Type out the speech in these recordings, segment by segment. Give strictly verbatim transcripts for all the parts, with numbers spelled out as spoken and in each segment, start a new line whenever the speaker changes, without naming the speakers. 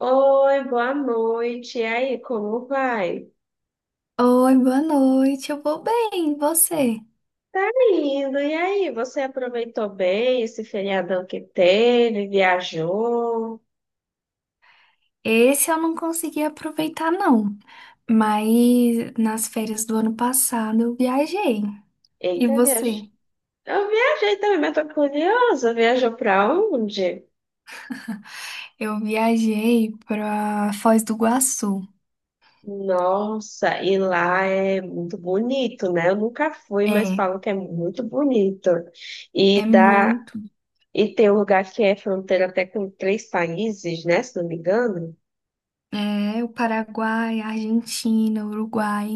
Oi, boa noite. E aí, como vai?
Oi, boa noite. Eu vou bem, e você?
Tá indo. E aí, você aproveitou bem esse feriadão que teve? Viajou?
Esse eu não consegui aproveitar, não. Mas nas férias do ano passado eu viajei. E
Eita, viajou.
você?
Eu viajei também, mas tô curiosa. Viajou pra onde?
Eu viajei para Foz do Iguaçu.
Nossa, e lá é muito bonito, né? Eu nunca fui, mas
É,
falam que é muito bonito.
é
E dá...
muito.
e tem um lugar que é fronteira até com três países, né? Se não me engano.
É, o Paraguai, a Argentina, o Uruguai.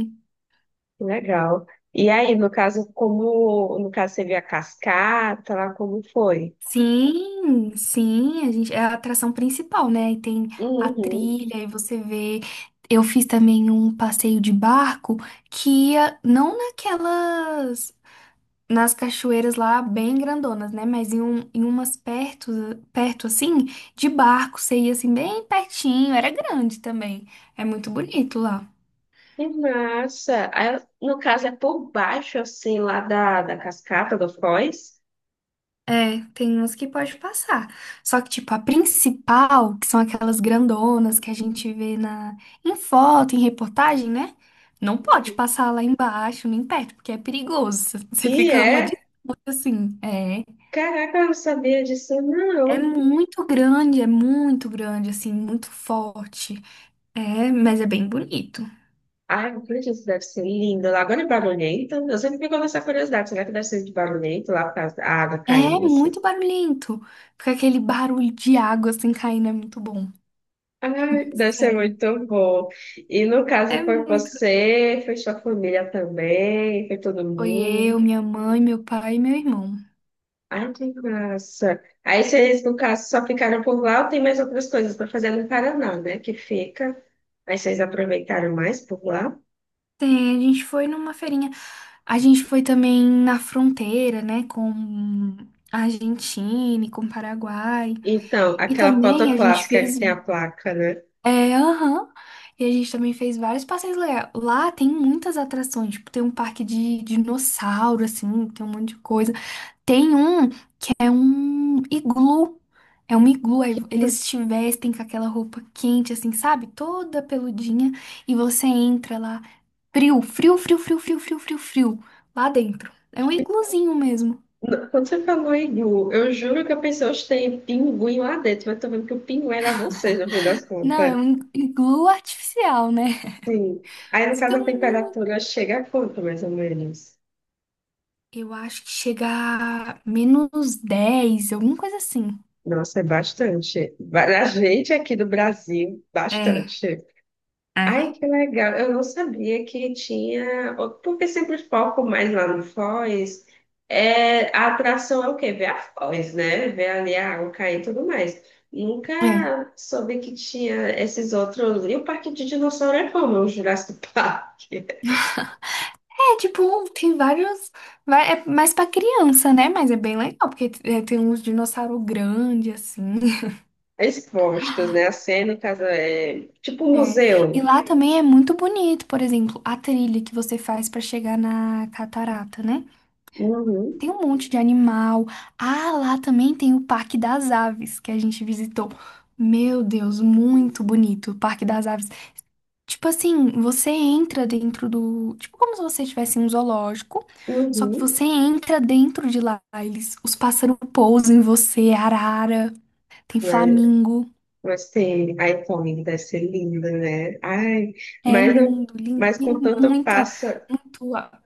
Que legal. E aí, no caso, como no caso você viu a cascata lá, como foi?
Sim, sim, a gente, é a atração principal, né? E tem a
Uhum.
trilha, e você vê. Eu fiz também um passeio de barco que ia não naquelas, nas cachoeiras lá bem grandonas, né? Mas em, um, em umas perto, perto assim, de barco, você ia assim bem pertinho, era grande também. É muito bonito lá.
Que massa. Aí, no caso, é por baixo, assim, lá da, da cascata do Foz.
É, tem uns que pode passar. Só que, tipo, a principal, que são aquelas grandonas que a gente vê na... em foto, em reportagem, né? Não pode
Uhum.
passar lá embaixo, nem perto, porque é perigoso. Você
E
fica uma
é,
disputa, assim. É,
caraca, eu não sabia disso,
é
não.
muito grande, é muito grande, assim, muito forte. É, mas é bem bonito.
Ai, meu Deus, isso deve ser lindo lá. Agora é barulhento. Eu sempre fico com essa curiosidade. Será que deve ser de barulhento lá por causa da água
É
caindo? Assim?
muito barulhento. Porque aquele barulho de água, assim, caindo é muito bom.
Ai, deve ser
Sério.
muito bom. E no
É
caso foi
muito.
você, foi sua família também, foi todo
Foi eu,
mundo.
minha mãe, meu pai e meu irmão.
Ai, que massa. Aí vocês, no caso, só ficaram por lá ou tem mais outras coisas para fazer no Paraná, né? Que fica. Aí vocês aproveitaram mais por lá.
Tem, a gente foi numa feirinha. A gente foi também na fronteira, né, com a Argentina e com o Paraguai.
Então,
E
aquela foto
também a gente
clássica que
fez.
tem a placa, né?
É, aham. E a gente também fez vários passeios legais. Lá tem muitas atrações, tipo, tem um parque de dinossauro, assim, tem um monte de coisa. Tem um. É um iglu. É um iglu. Aí eles
Putz,
te vestem com aquela roupa quente, assim, sabe? Toda peludinha. E você entra lá, frio, frio, frio, frio, frio, frio, frio, frio. Lá dentro. É um
que-
igluzinho mesmo.
quando você falou Igu, eu juro que eu pensei, hoje tem pinguim lá dentro, mas tô vendo que o pinguim era vocês, no fim das
Não, é
contas.
um iglu artificial, né?
Sim. Aí, no caso,
Fica
a
muito.
temperatura chega a quanto, mais ou menos?
Eu acho que chega a menos dez, alguma coisa assim.
Nossa, é bastante. Para a gente aqui do Brasil,
É,
bastante. Ai,
é.
que legal. Eu não sabia que tinha. Porque sempre o foco mais lá no Foz. É... A atração é o quê? Ver a Foz, né? Ver ali a água cair e tudo mais. Nunca
É.
soube que tinha esses outros. E o Parque de Dinossauro é como? O Jurassic Park.
É, tipo, tem vários. vai- É mais pra criança, né? Mas é bem legal, porque é, tem uns dinossauros grandes, assim.
Expostos, né? A cena, no caso, é tipo um
É. E
museu.
lá também é muito bonito, por exemplo, a trilha que você faz pra chegar na catarata, né?
Uhum,
Tem um monte de animal. Ah, lá também tem o Parque das Aves, que a gente visitou. Meu Deus, muito bonito. O Parque das Aves. Tipo assim, você entra dentro do. Tipo, como se você estivesse em um zoológico, só que
uhum.
você entra dentro de lá. Eles, os pássaros pousam em você, é arara, tem
Mas,
flamingo.
mas tem iPhone, deve ser linda, né? Ai,
É
mas, eu-
lindo, lindo.
mas
Tem
com tanto
muita,
pássaro.
muito ah,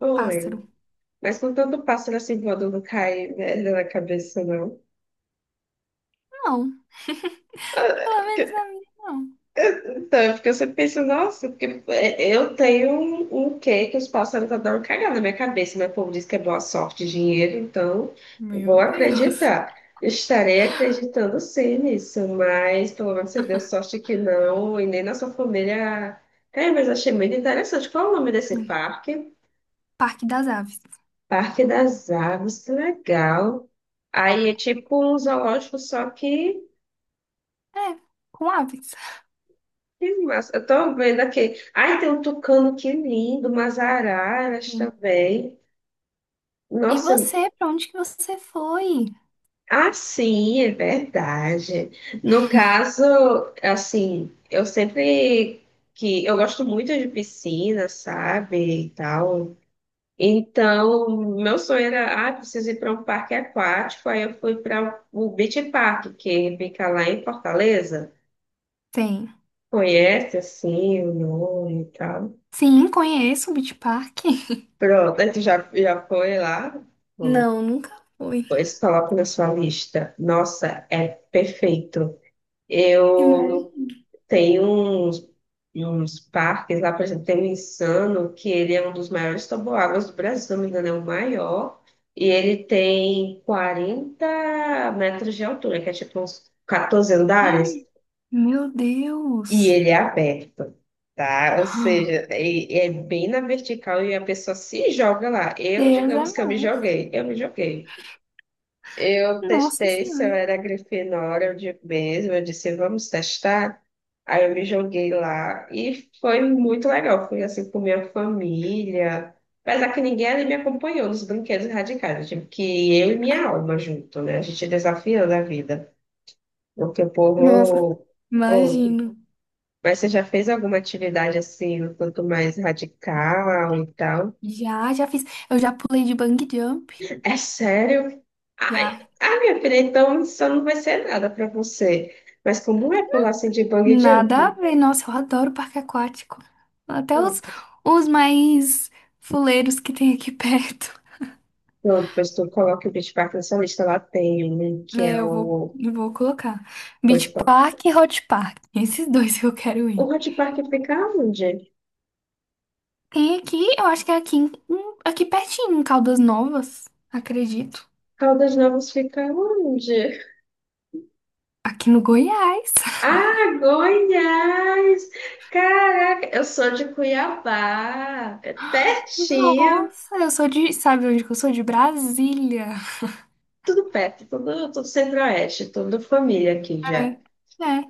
Oi,
pássaro.
mas com tanto pássaro assim voando não cai, velho, na cabeça, não.
Não, pelo menos na minha, não.
Então, é porque eu sempre penso, nossa, porque é, eu tenho um, um quê que os pássaros adoram cagar na minha cabeça. Meu povo diz que é boa sorte, dinheiro, então vou
Meu Deus.
acreditar. Estarei acreditando sim nisso, mas pelo menos você deu sorte que não, e nem na sua família. Cara, mas achei muito interessante. Qual é o nome desse parque?
Parque das Aves.
Parque das Aves, que legal. Aí é tipo um zoológico, só que
É, com aves.
Que massa. Eu tô vendo aqui. Ai, tem um tucano que lindo, umas araras
Sim.
também.
E
Nossa,
você, pra onde que você foi?
ah, sim, é verdade. No caso, assim, eu sempre que eu gosto muito de piscina, sabe, e tal. Então, meu sonho era, ah, preciso ir para um parque aquático. Aí eu fui para o Beach Park, que fica lá em Fortaleza.
Tem.
Conhece, assim, o nome e tal.
Sim, conheço o Beach Park.
Pronto, aí tu já, já foi lá? Hum,
Não, nunca fui.
Pois coloca na sua lista. Nossa, é perfeito.
Imagina.
Eu tenho uns, uns parques lá, por exemplo, tem o Insano, que ele é um dos maiores toboáguas do Brasil, se não me engano, é o maior. E ele tem quarenta metros de altura, que é tipo uns quatorze andares,
Meu
e
Deus.
ele é aberto. Tá? Ou seja, é, é bem na vertical e a pessoa se joga lá. Eu,
Deus é
digamos que eu me
mais.
joguei, eu me joguei. Eu
Nossa
testei se eu
Senhora.
era Grifinória, eu digo mesmo, eu disse, vamos testar. Aí eu me joguei lá e foi muito legal. Fui assim com minha família, apesar que ninguém ali me acompanhou nos brinquedos radicais. Eu tive que ir eu e minha alma junto, né? A gente desafiando a vida. Porque o
Nossa.
povo. Oh,
Imagino.
mas você já fez alguma atividade assim, um tanto mais radical e tal?
Já, já fiz. Eu já pulei de bungee jump.
É sério? Ai,
Já.
ah, minha filha, então isso não vai ser nada pra você. Mas como é pular assim de bungee
Nada a
jump?
ver. Nossa, eu adoro parque aquático. Até os,
Pronto,
os mais fuleiros que tem aqui perto.
pronto, depois tu coloca o Beach Park na sua lista. Lá tem um que
É,
é
eu vou,
o...
eu vou colocar.
Pois,
Beach
qual?
Park e Hot Park. Esses dois que eu quero
O
ir.
Hot Park fica onde?
Tem aqui, eu acho que é aqui, em- em- aqui pertinho, em Caldas Novas, acredito.
Caldas Novas fica onde?
Aqui no Goiás.
Ah, Goiás! Caraca, eu sou de Cuiabá. É pertinho.
Nossa, eu sou de. Sabe onde que eu sou? De Brasília.
Tudo perto, tudo, tudo centro-oeste, tudo família aqui
É.
já.
É.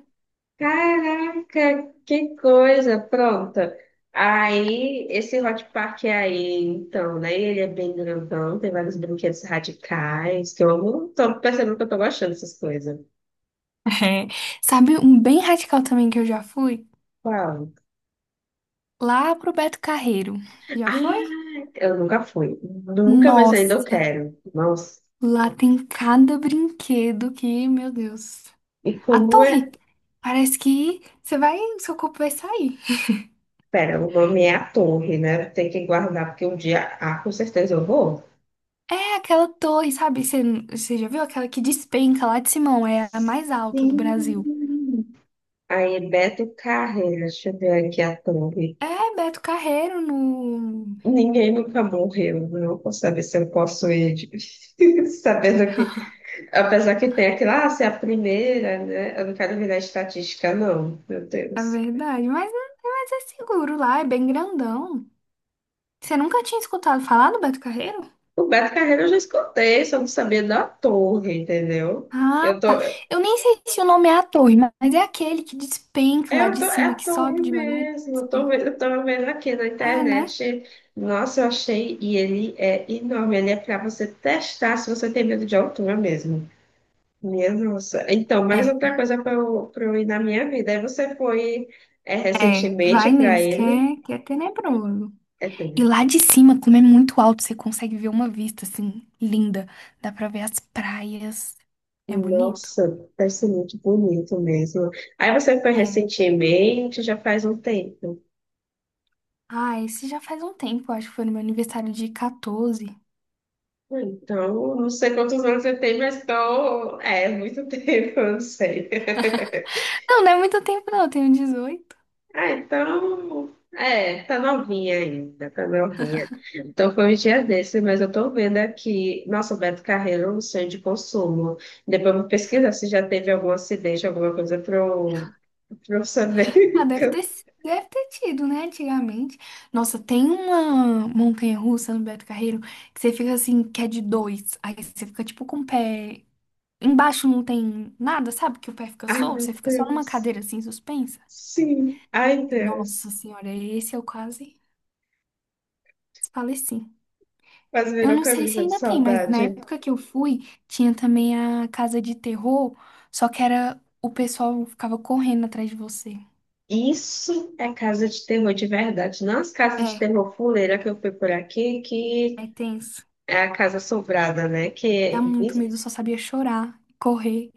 Caraca, que coisa, pronta. Aí, esse Hot Park é aí, então, né? Ele é bem grandão, tem vários brinquedos radicais, que eu amo. Tô percebendo que eu tô gostando dessas coisas.
É. Sabe um bem radical também que eu já fui?
Qual?
Lá pro Beto Carreiro. Já
Ah,
foi?
eu nunca fui. Nunca, mas ainda eu
Nossa,
quero. Nossa.
lá tem cada brinquedo que, meu Deus.
E
A
como é?
torre. Parece que você vai, seu corpo vai sair.
Pera, o nome é a Torre, né? Tem que guardar, porque um dia, ah, com certeza eu vou.
É aquela torre, sabe? Você, você já viu aquela que despenca lá de Simão? É a mais alta do Brasil.
Sim. Aí, Beto Carreira, deixa eu ver aqui a thumb.
É Beto Carreiro no.
Ninguém nunca morreu, não vou saber se eu posso ir, de- sabendo que, apesar que tem aquilo, ah, se é a primeira, né? Eu não quero virar estatística, não, meu
É
Deus.
verdade, mas, é- mas é seguro lá, é bem grandão. Você nunca tinha escutado falar do Beto Carreiro?
O Beto Carreira eu já escutei, só não sabia da torre, entendeu?
Ah,
Eu tô,
tá. Eu nem sei se o nome é a torre, ma- mas é aquele que despenca lá
eu
de
tô, é
cima,
a
que
torre
sobe devagar e
mesmo, eu tô,
despenca.
vendo- eu tô vendo aqui na
É, né?
internet, nossa, eu achei, e ele é enorme, ele é pra você testar se você tem medo de altura mesmo. Minha nossa. Então, mais
É,
outra coisa para eu, pra eu ir na minha vida. Aí você foi é,
é.
recentemente
Vai
para
nesse, que
ele.
é, que é tenebroso.
É,
E
tudo.
lá de cima, como é muito alto, você consegue ver uma vista, assim, linda. Dá pra ver as praias. É bonito?
Nossa, deve ser muito bonito mesmo. Aí você foi
É.
recentemente, já faz um tempo.
Ah, esse já faz um tempo, acho que foi no meu aniversário de quatorze.
Então, não sei quantos anos você tem, mas tô... É, muito tempo, eu não sei.
Não, não é muito tempo, não. Eu tenho dezoito.
Ah, então. É, tá novinha ainda, tá novinha. Então foi um dia desse, mas eu tô vendo aqui. Nossa, o Beto Carreiro, é um sonho de consumo. Depois eu vou pesquisar se já teve algum acidente, alguma coisa pra eu, pra eu
Ah,
saber.
deve ter, si- deve ter tido, né? Antigamente. Nossa, tem uma montanha-russa no Beto Carreiro que você fica assim, que é de dois. Aí você fica tipo com o pé. Embaixo não tem nada, sabe? Que o pé fica
Ai,
solto,
meu
você fica só numa
Deus.
cadeira assim, suspensa.
Sim, ai,
Nossa
Deus.
senhora, esse eu quase faleci.
Quase
Eu
virou
não sei se
camisa de
ainda tem, mas na
saudade.
época que eu fui, tinha também a casa de terror, só que era o pessoal ficava correndo atrás de você.
Isso é casa de terror de verdade, não as casas de
É,
terror fuleira que eu fui por aqui, que
é tenso.
é a casa assombrada, né? Que
Dá
é
muito medo, eu só sabia chorar, correr.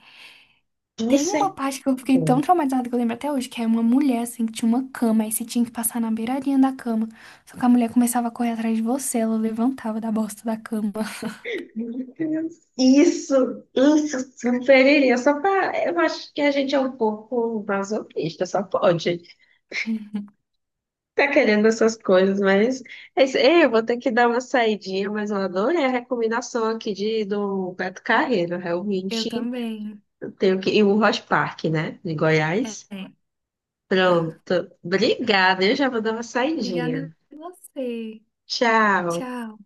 Tem
isso
uma
é
parte que eu fiquei tão traumatizada que eu lembro até hoje, que é uma mulher, assim, que tinha uma cama, aí você tinha que passar na beiradinha da cama. Só que a mulher começava a correr atrás de você, ela levantava da bosta da cama.
Isso, isso, superiria. Só pra, eu acho que a gente é um pouco masoquista, só pode. Tá querendo essas coisas, mas é isso. Ei, eu vou ter que dar uma saidinha, mas eu adorei a recomendação aqui de, do Beto Carreiro. Realmente
Eu também.
eu tenho que. E o Rock Park, né? De
É.
Goiás. Pronto. Obrigada. Eu já vou dar uma saidinha.
Obrigada a você.
Tchau.
Tchau.